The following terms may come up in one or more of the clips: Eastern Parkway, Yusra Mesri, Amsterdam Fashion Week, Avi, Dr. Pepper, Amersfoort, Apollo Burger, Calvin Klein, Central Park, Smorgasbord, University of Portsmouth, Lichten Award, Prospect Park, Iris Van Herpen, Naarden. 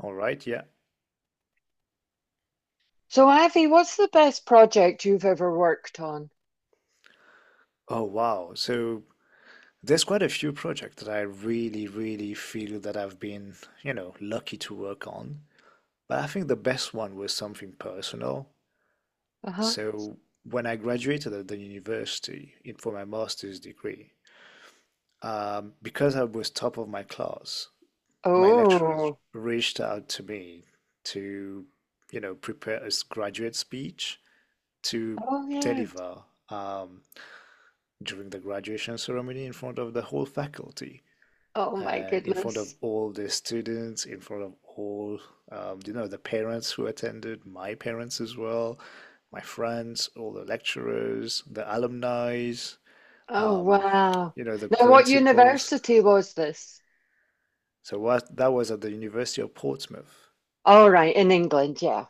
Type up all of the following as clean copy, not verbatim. All right, yeah. So, Avi, what's the best project you've ever worked on? Oh, wow. So there's quite a few projects that I really, really feel that I've been, you know, lucky to work on. But I think the best one was something personal. Uh-huh. So when I graduated at the university in, for my master's degree, because I was top of my class, my lecturers Oh, reached out to me to, you know, prepare a graduate speech to oh yeah. deliver. Um, During the graduation ceremony in front of the whole faculty Oh my and in front of goodness. all the students, in front of all, you know, the parents who attended, my parents as well, my friends, all the lecturers, the alumni, Oh um, wow. you know, the Now, what principals. university was this? So what that was at the University of Portsmouth. All right, in England, yeah.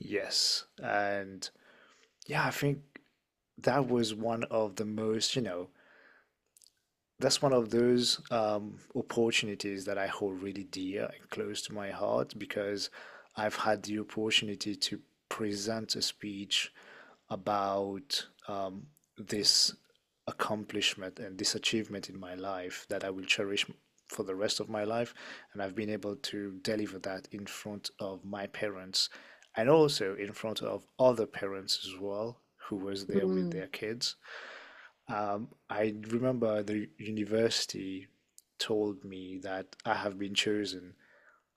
Yes, and yeah, I think that was one of the most, you know, that's one of those opportunities that I hold really dear and close to my heart because I've had the opportunity to present a speech about this accomplishment and this achievement in my life that I will cherish for the rest of my life. And I've been able to deliver that in front of my parents and also in front of other parents as well who was there with Mm. their kids. I remember the university told me that I have been chosen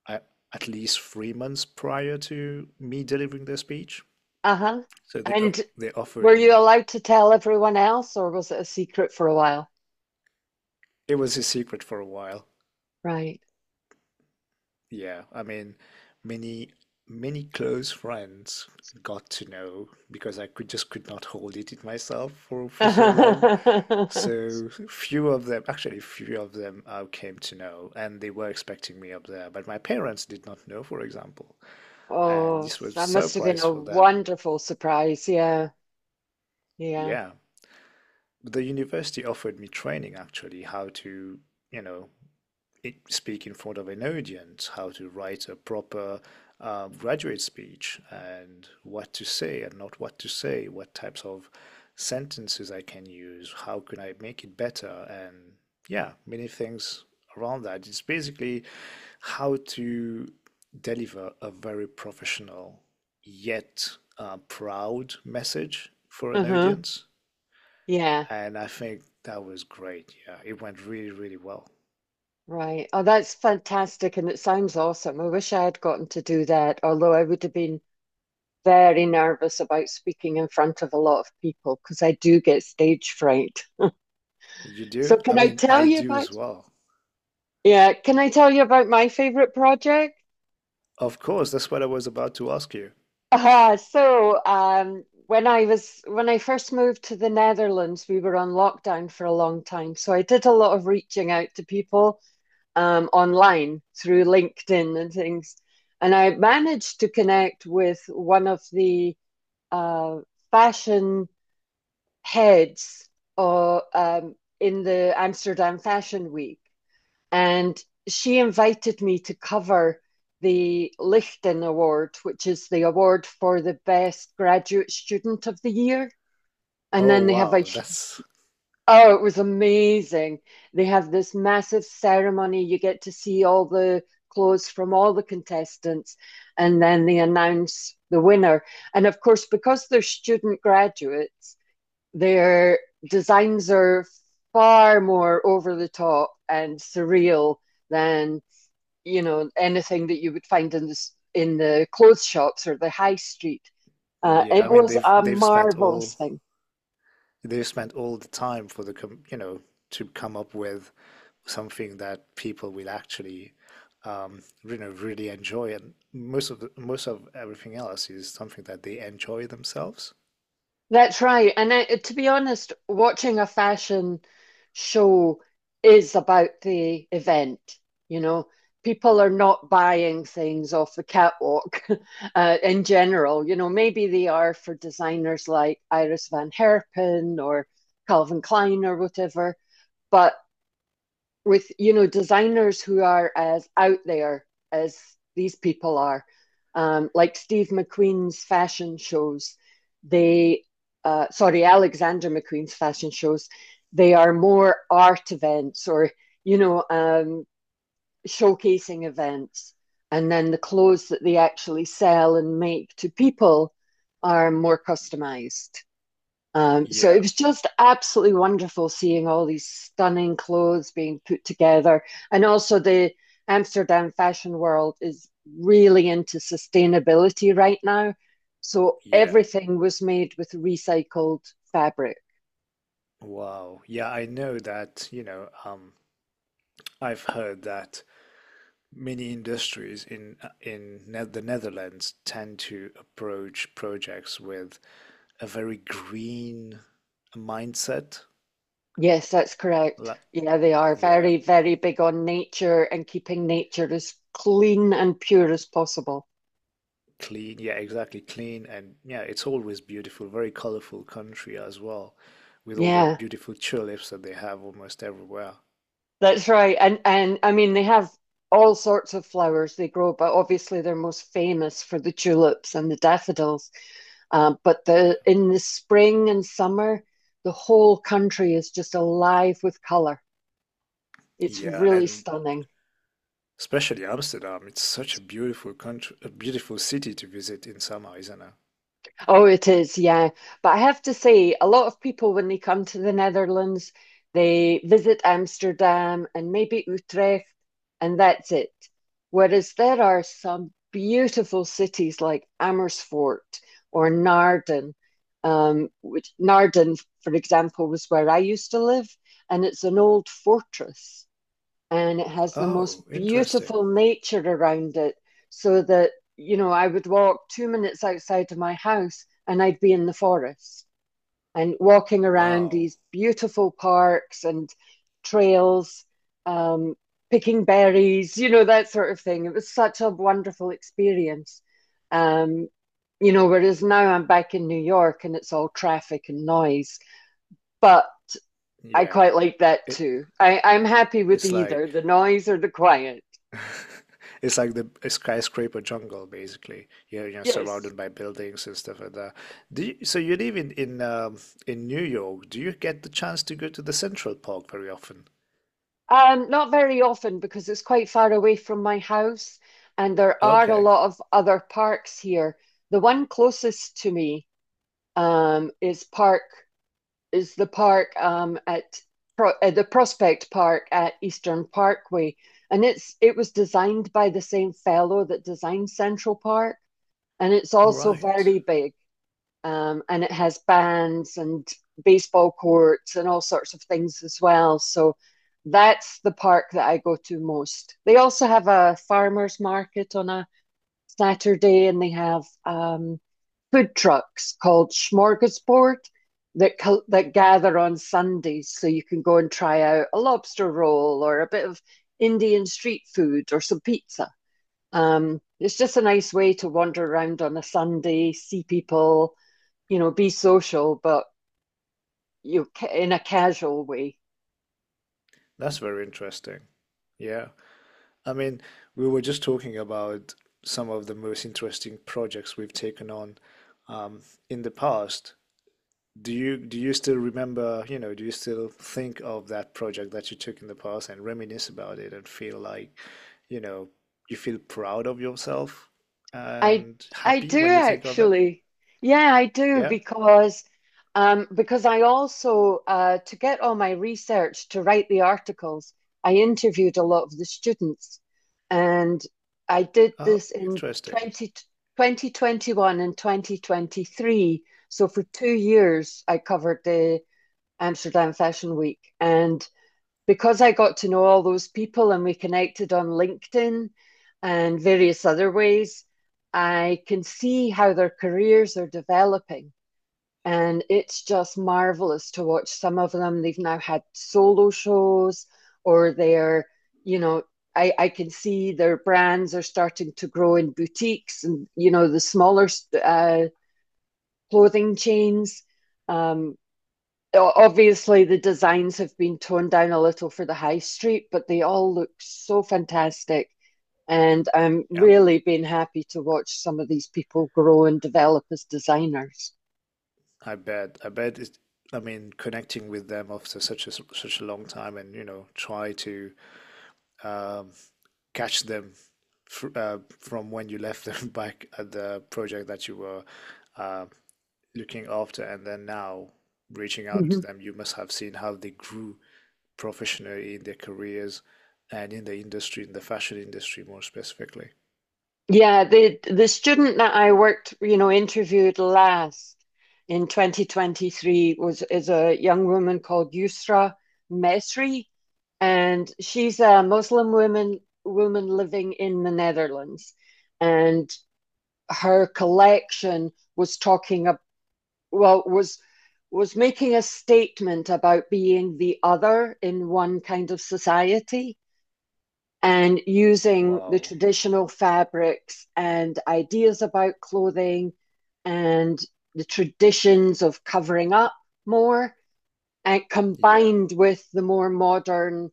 a- at least 3 months prior to me delivering the speech. Uh-huh. So And they were offered you me. allowed to tell everyone else, or was it a secret for a while? It was a secret for a while. Right. Yeah, I mean, many many close friends got to know because I could just could not hold it in myself for so long. So few of them, actually, few of them I came to know, and they were expecting me up there, but my parents did not know, for example, and Oh, this was a that must have been surprise a for them. wonderful surprise. Yeah, yeah. Yeah, the university offered me training actually, how to, you know, speak in front of an audience, how to write a proper graduate speech, and what to say and not what to say, what types of sentences I can use, how can I make it better, and yeah, many things around that. It's basically how to deliver a very professional yet proud message for an Uh-huh. audience. Yeah. And I think that was great. Yeah, it went really, really well. Right. Oh, that's fantastic. And it sounds awesome. I wish I had gotten to do that, although I would have been very nervous about speaking in front of a lot of people because I do get stage fright. You So, do? can I I mean, tell I you do about, as well. yeah, can I tell you about my favorite project? Of course, that's what I was about to ask you. Ah, so, when I was, when I first moved to the Netherlands, we were on lockdown for a long time. So I did a lot of reaching out to people online through LinkedIn and things. And I managed to connect with one of the uh, fashion heads or, in the Amsterdam Fashion Week. And she invited me to cover the Lichten Award, which is the award for the best graduate student of the year. And Oh then they have a wow, that's Oh, it was amazing. They have this massive ceremony. You get to see all the clothes from all the contestants, and then they announce the winner. And of course, because they're student graduates, their designs are far more over the top and surreal than, anything that you would find in the clothes shops or the high street. Uh, yeah, it I mean was they've a they've spent all marvelous thing. they've spent all the time for the com you know to come up with something that people will actually you know really enjoy and most of the, most of everything else is something that they enjoy themselves. That's right. And I, to be honest, watching a fashion show is about the event. You know, people are not buying things off the catwalk in general. Maybe they are for designers like Iris Van Herpen or Calvin Klein or whatever, but with designers who are as out there as these people are, like Steve McQueen's fashion shows. They, sorry, Alexander McQueen's fashion shows. They are more art events or you know um, showcasing events, and then the clothes that they actually sell and make to people are more customized. So it Yeah, was just absolutely wonderful seeing all these stunning clothes being put together. And also, the Amsterdam fashion world is really into sustainability right now. So yeah. everything was made with recycled fabric. Wow. Yeah, I know that, you know, I've heard that many industries in in the Netherlands tend to approach projects with a very green mindset. Yes, that's correct. La- Yeah, they are yeah, very, very big on nature and keeping nature as clean and pure as possible. clean. Yeah, exactly, clean. And yeah, it's always beautiful, very colorful country as well, with all the Yeah. beautiful tulips that they have almost everywhere. That's right. And I mean they have all sorts of flowers they grow, but obviously they're most famous for the tulips and the daffodils. But the in the spring and summer, the whole country is just alive with color. It's Yeah, really and stunning. especially Amsterdam. It's such a beautiful country, a beautiful city to visit in summer, isn't it? Oh, it is, yeah. But I have to say, a lot of people, when they come to the Netherlands, they visit Amsterdam and maybe Utrecht, and that's it. Whereas there are some beautiful cities like Amersfoort or Naarden, which Naarden, for example, was where I used to live, and it's an old fortress and it has the most Oh, interesting. beautiful nature around it, so that I would walk 2 minutes outside of my house and I'd be in the forest and walking around Wow. these beautiful parks and trails, um, picking berries, that sort of thing. It was such a wonderful experience. um, Whereas now I'm back in New York and it's all traffic and noise, but I Yeah. quite like that It too. I'm happy with It's either like the noise or the quiet. it's like the skyscraper jungle, basically. You're Yes. surrounded by buildings and stuff like that. Do you, so you live in in New York. Do you get the chance to go to the Central Park very often? Not very often because it's quite far away from my house, and there are a Okay, lot of other parks here. The one closest to me, um, is park is the park at Pro the Prospect Park at Eastern Parkway, and it was designed by the same fellow that designed Central Park, and it's all also right. very big. And it has bands and baseball courts and all sorts of things as well. So that's the park that I go to most. They also have a farmers market on a Saturday, and they have food trucks called Smorgasbord that gather on Sundays, so you can go and try out a lobster roll or a bit of Indian street food or some pizza. It's just a nice way to wander around on a Sunday, see people, be social, but in a casual way. That's very interesting. Yeah. I mean, we were just talking about some of the most interesting projects we've taken on um, in the past. Do you still remember, you know, do you still think of that project that you took in the past and reminisce about it and feel like, you know, you feel proud of yourself I and I happy do when you think of it? actually. Yeah, I do Yeah? because I also to get all my research to write the articles, I interviewed a lot of the students, and I did Oh, this in interesting. Twenty one and 2023. So for 2 years I covered the Amsterdam Fashion Week, and because I got to know all those people and we connected on LinkedIn and various other ways, I can see how their careers are developing. And it's just marvelous to watch some of them. They've now had solo shows, or they're, you know, I can see their brands are starting to grow in boutiques and, the smaller uh, clothing chains. Um, obviously the designs have been toned down a little for the high street, but they all look so fantastic. And I'm Yeah, really been happy to watch some of these people grow and develop as designers. I bet. I mean, connecting with them after such a long time and, you know, try to um, catch them fr from when you left them back at the project that you were uh, looking after and then now reaching out to Mhm. them, you must have seen how they grew professionally in their careers and in the industry, in the fashion industry more specifically. Yeah, the student that I interviewed last in 2023 was is a young woman called Yusra Mesri, and she's a Muslim woman living in the Netherlands, and her collection was talking about well was making a statement about being the other in one kind of society, and using the Wow. traditional fabrics and ideas about clothing and the traditions of covering up more, and Yeah. combined with the more modern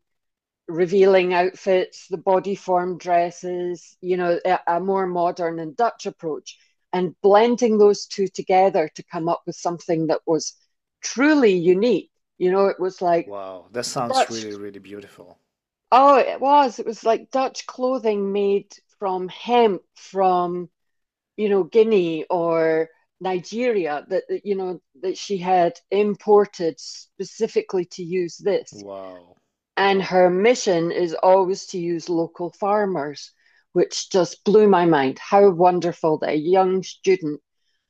revealing outfits, the body form dresses, a more modern and Dutch approach, and blending those two together to come up with something that was truly unique. It was like Wow. That sounds Dutch, really, really beautiful. oh, it was like Dutch clothing made from hemp from, Guinea or Nigeria, that she had imported specifically to use this, Wow. and Wow. her mission is always to use local farmers, which just blew my mind. How wonderful that a young student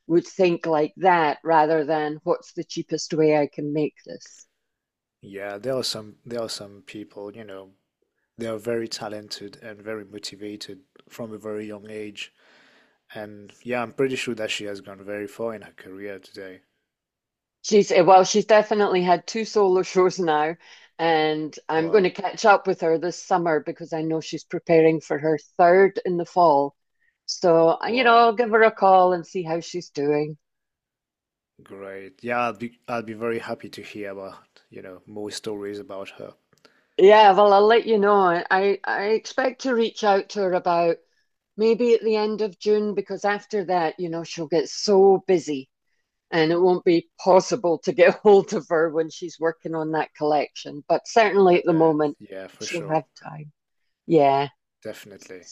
would think like that rather than what's the cheapest way I can make this. Yeah, there are some people, you know, they are very talented and very motivated from a very young age. And yeah, I'm pretty sure that she has gone very far in her career today. She's definitely had two solo shows now, and I'm going to Wow. catch up with her this summer because I know she's preparing for her third in the fall. So, Wow. I'll give her a call and see how she's doing. Great. Yeah, I'd be very happy to hear about, you know, more stories about her. Yeah, well, I'll let you know. I expect to reach out to her about maybe at the end of June, because after that, she'll get so busy and it won't be possible to get hold of her when she's working on that collection. But certainly I at the bet. moment, Yeah, for she'll sure. have time. Yeah. Definitely.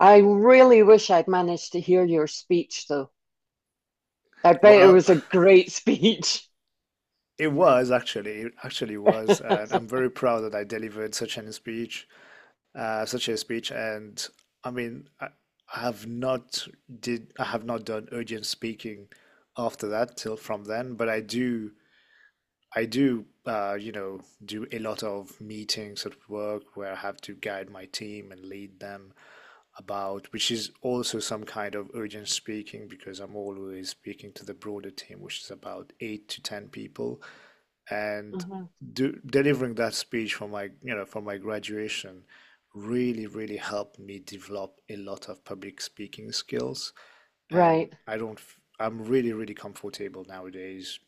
I really wish I'd managed to hear your speech, though. I bet it Well, was a great speech. it was actually, it actually was, and I'm very proud that I delivered such an speech, such a speech. And I mean, I have not did I have not done urgent speaking after that till from then, but I do you know do a lot of meetings at work where I have to guide my team and lead them. About, which is also some kind of urgent speaking because I'm always speaking to the broader team, which is about eight to 10 people. And Uh-huh. do, delivering that speech for my, you know, for my graduation really, really helped me develop a lot of public speaking skills. And Right. I don't, I'm really, really comfortable nowadays.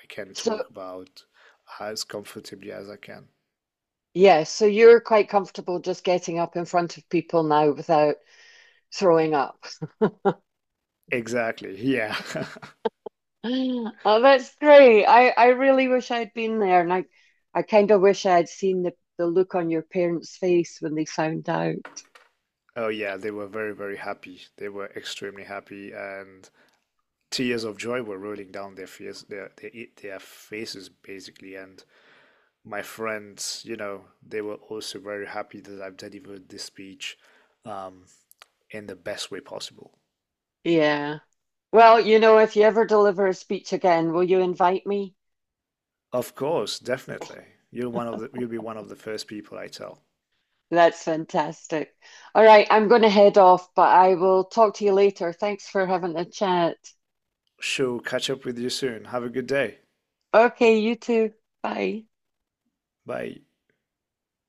I can talk So, about as comfortably as I can. yeah, so you're quite comfortable just getting up in front of people now without throwing up. Exactly. Yeah. Oh, that's great. I really wish I'd been there, and I kind of wish I had seen the look on your parents' face when they found out. Oh yeah, they were very, very happy. They were extremely happy, and tears of joy were rolling down their face, their faces basically. And my friends, you know, they were also very happy that I've delivered this speech, um, in the best way possible. Yeah. Well, if you ever deliver a speech again, will you invite me? Of course, definitely. You'll be one of the first people I tell. That's fantastic. All right, I'm going to head off, but I will talk to you later. Thanks for having a chat. Sure, catch up with you soon. Have a good day. Okay, you too. Bye. Bye.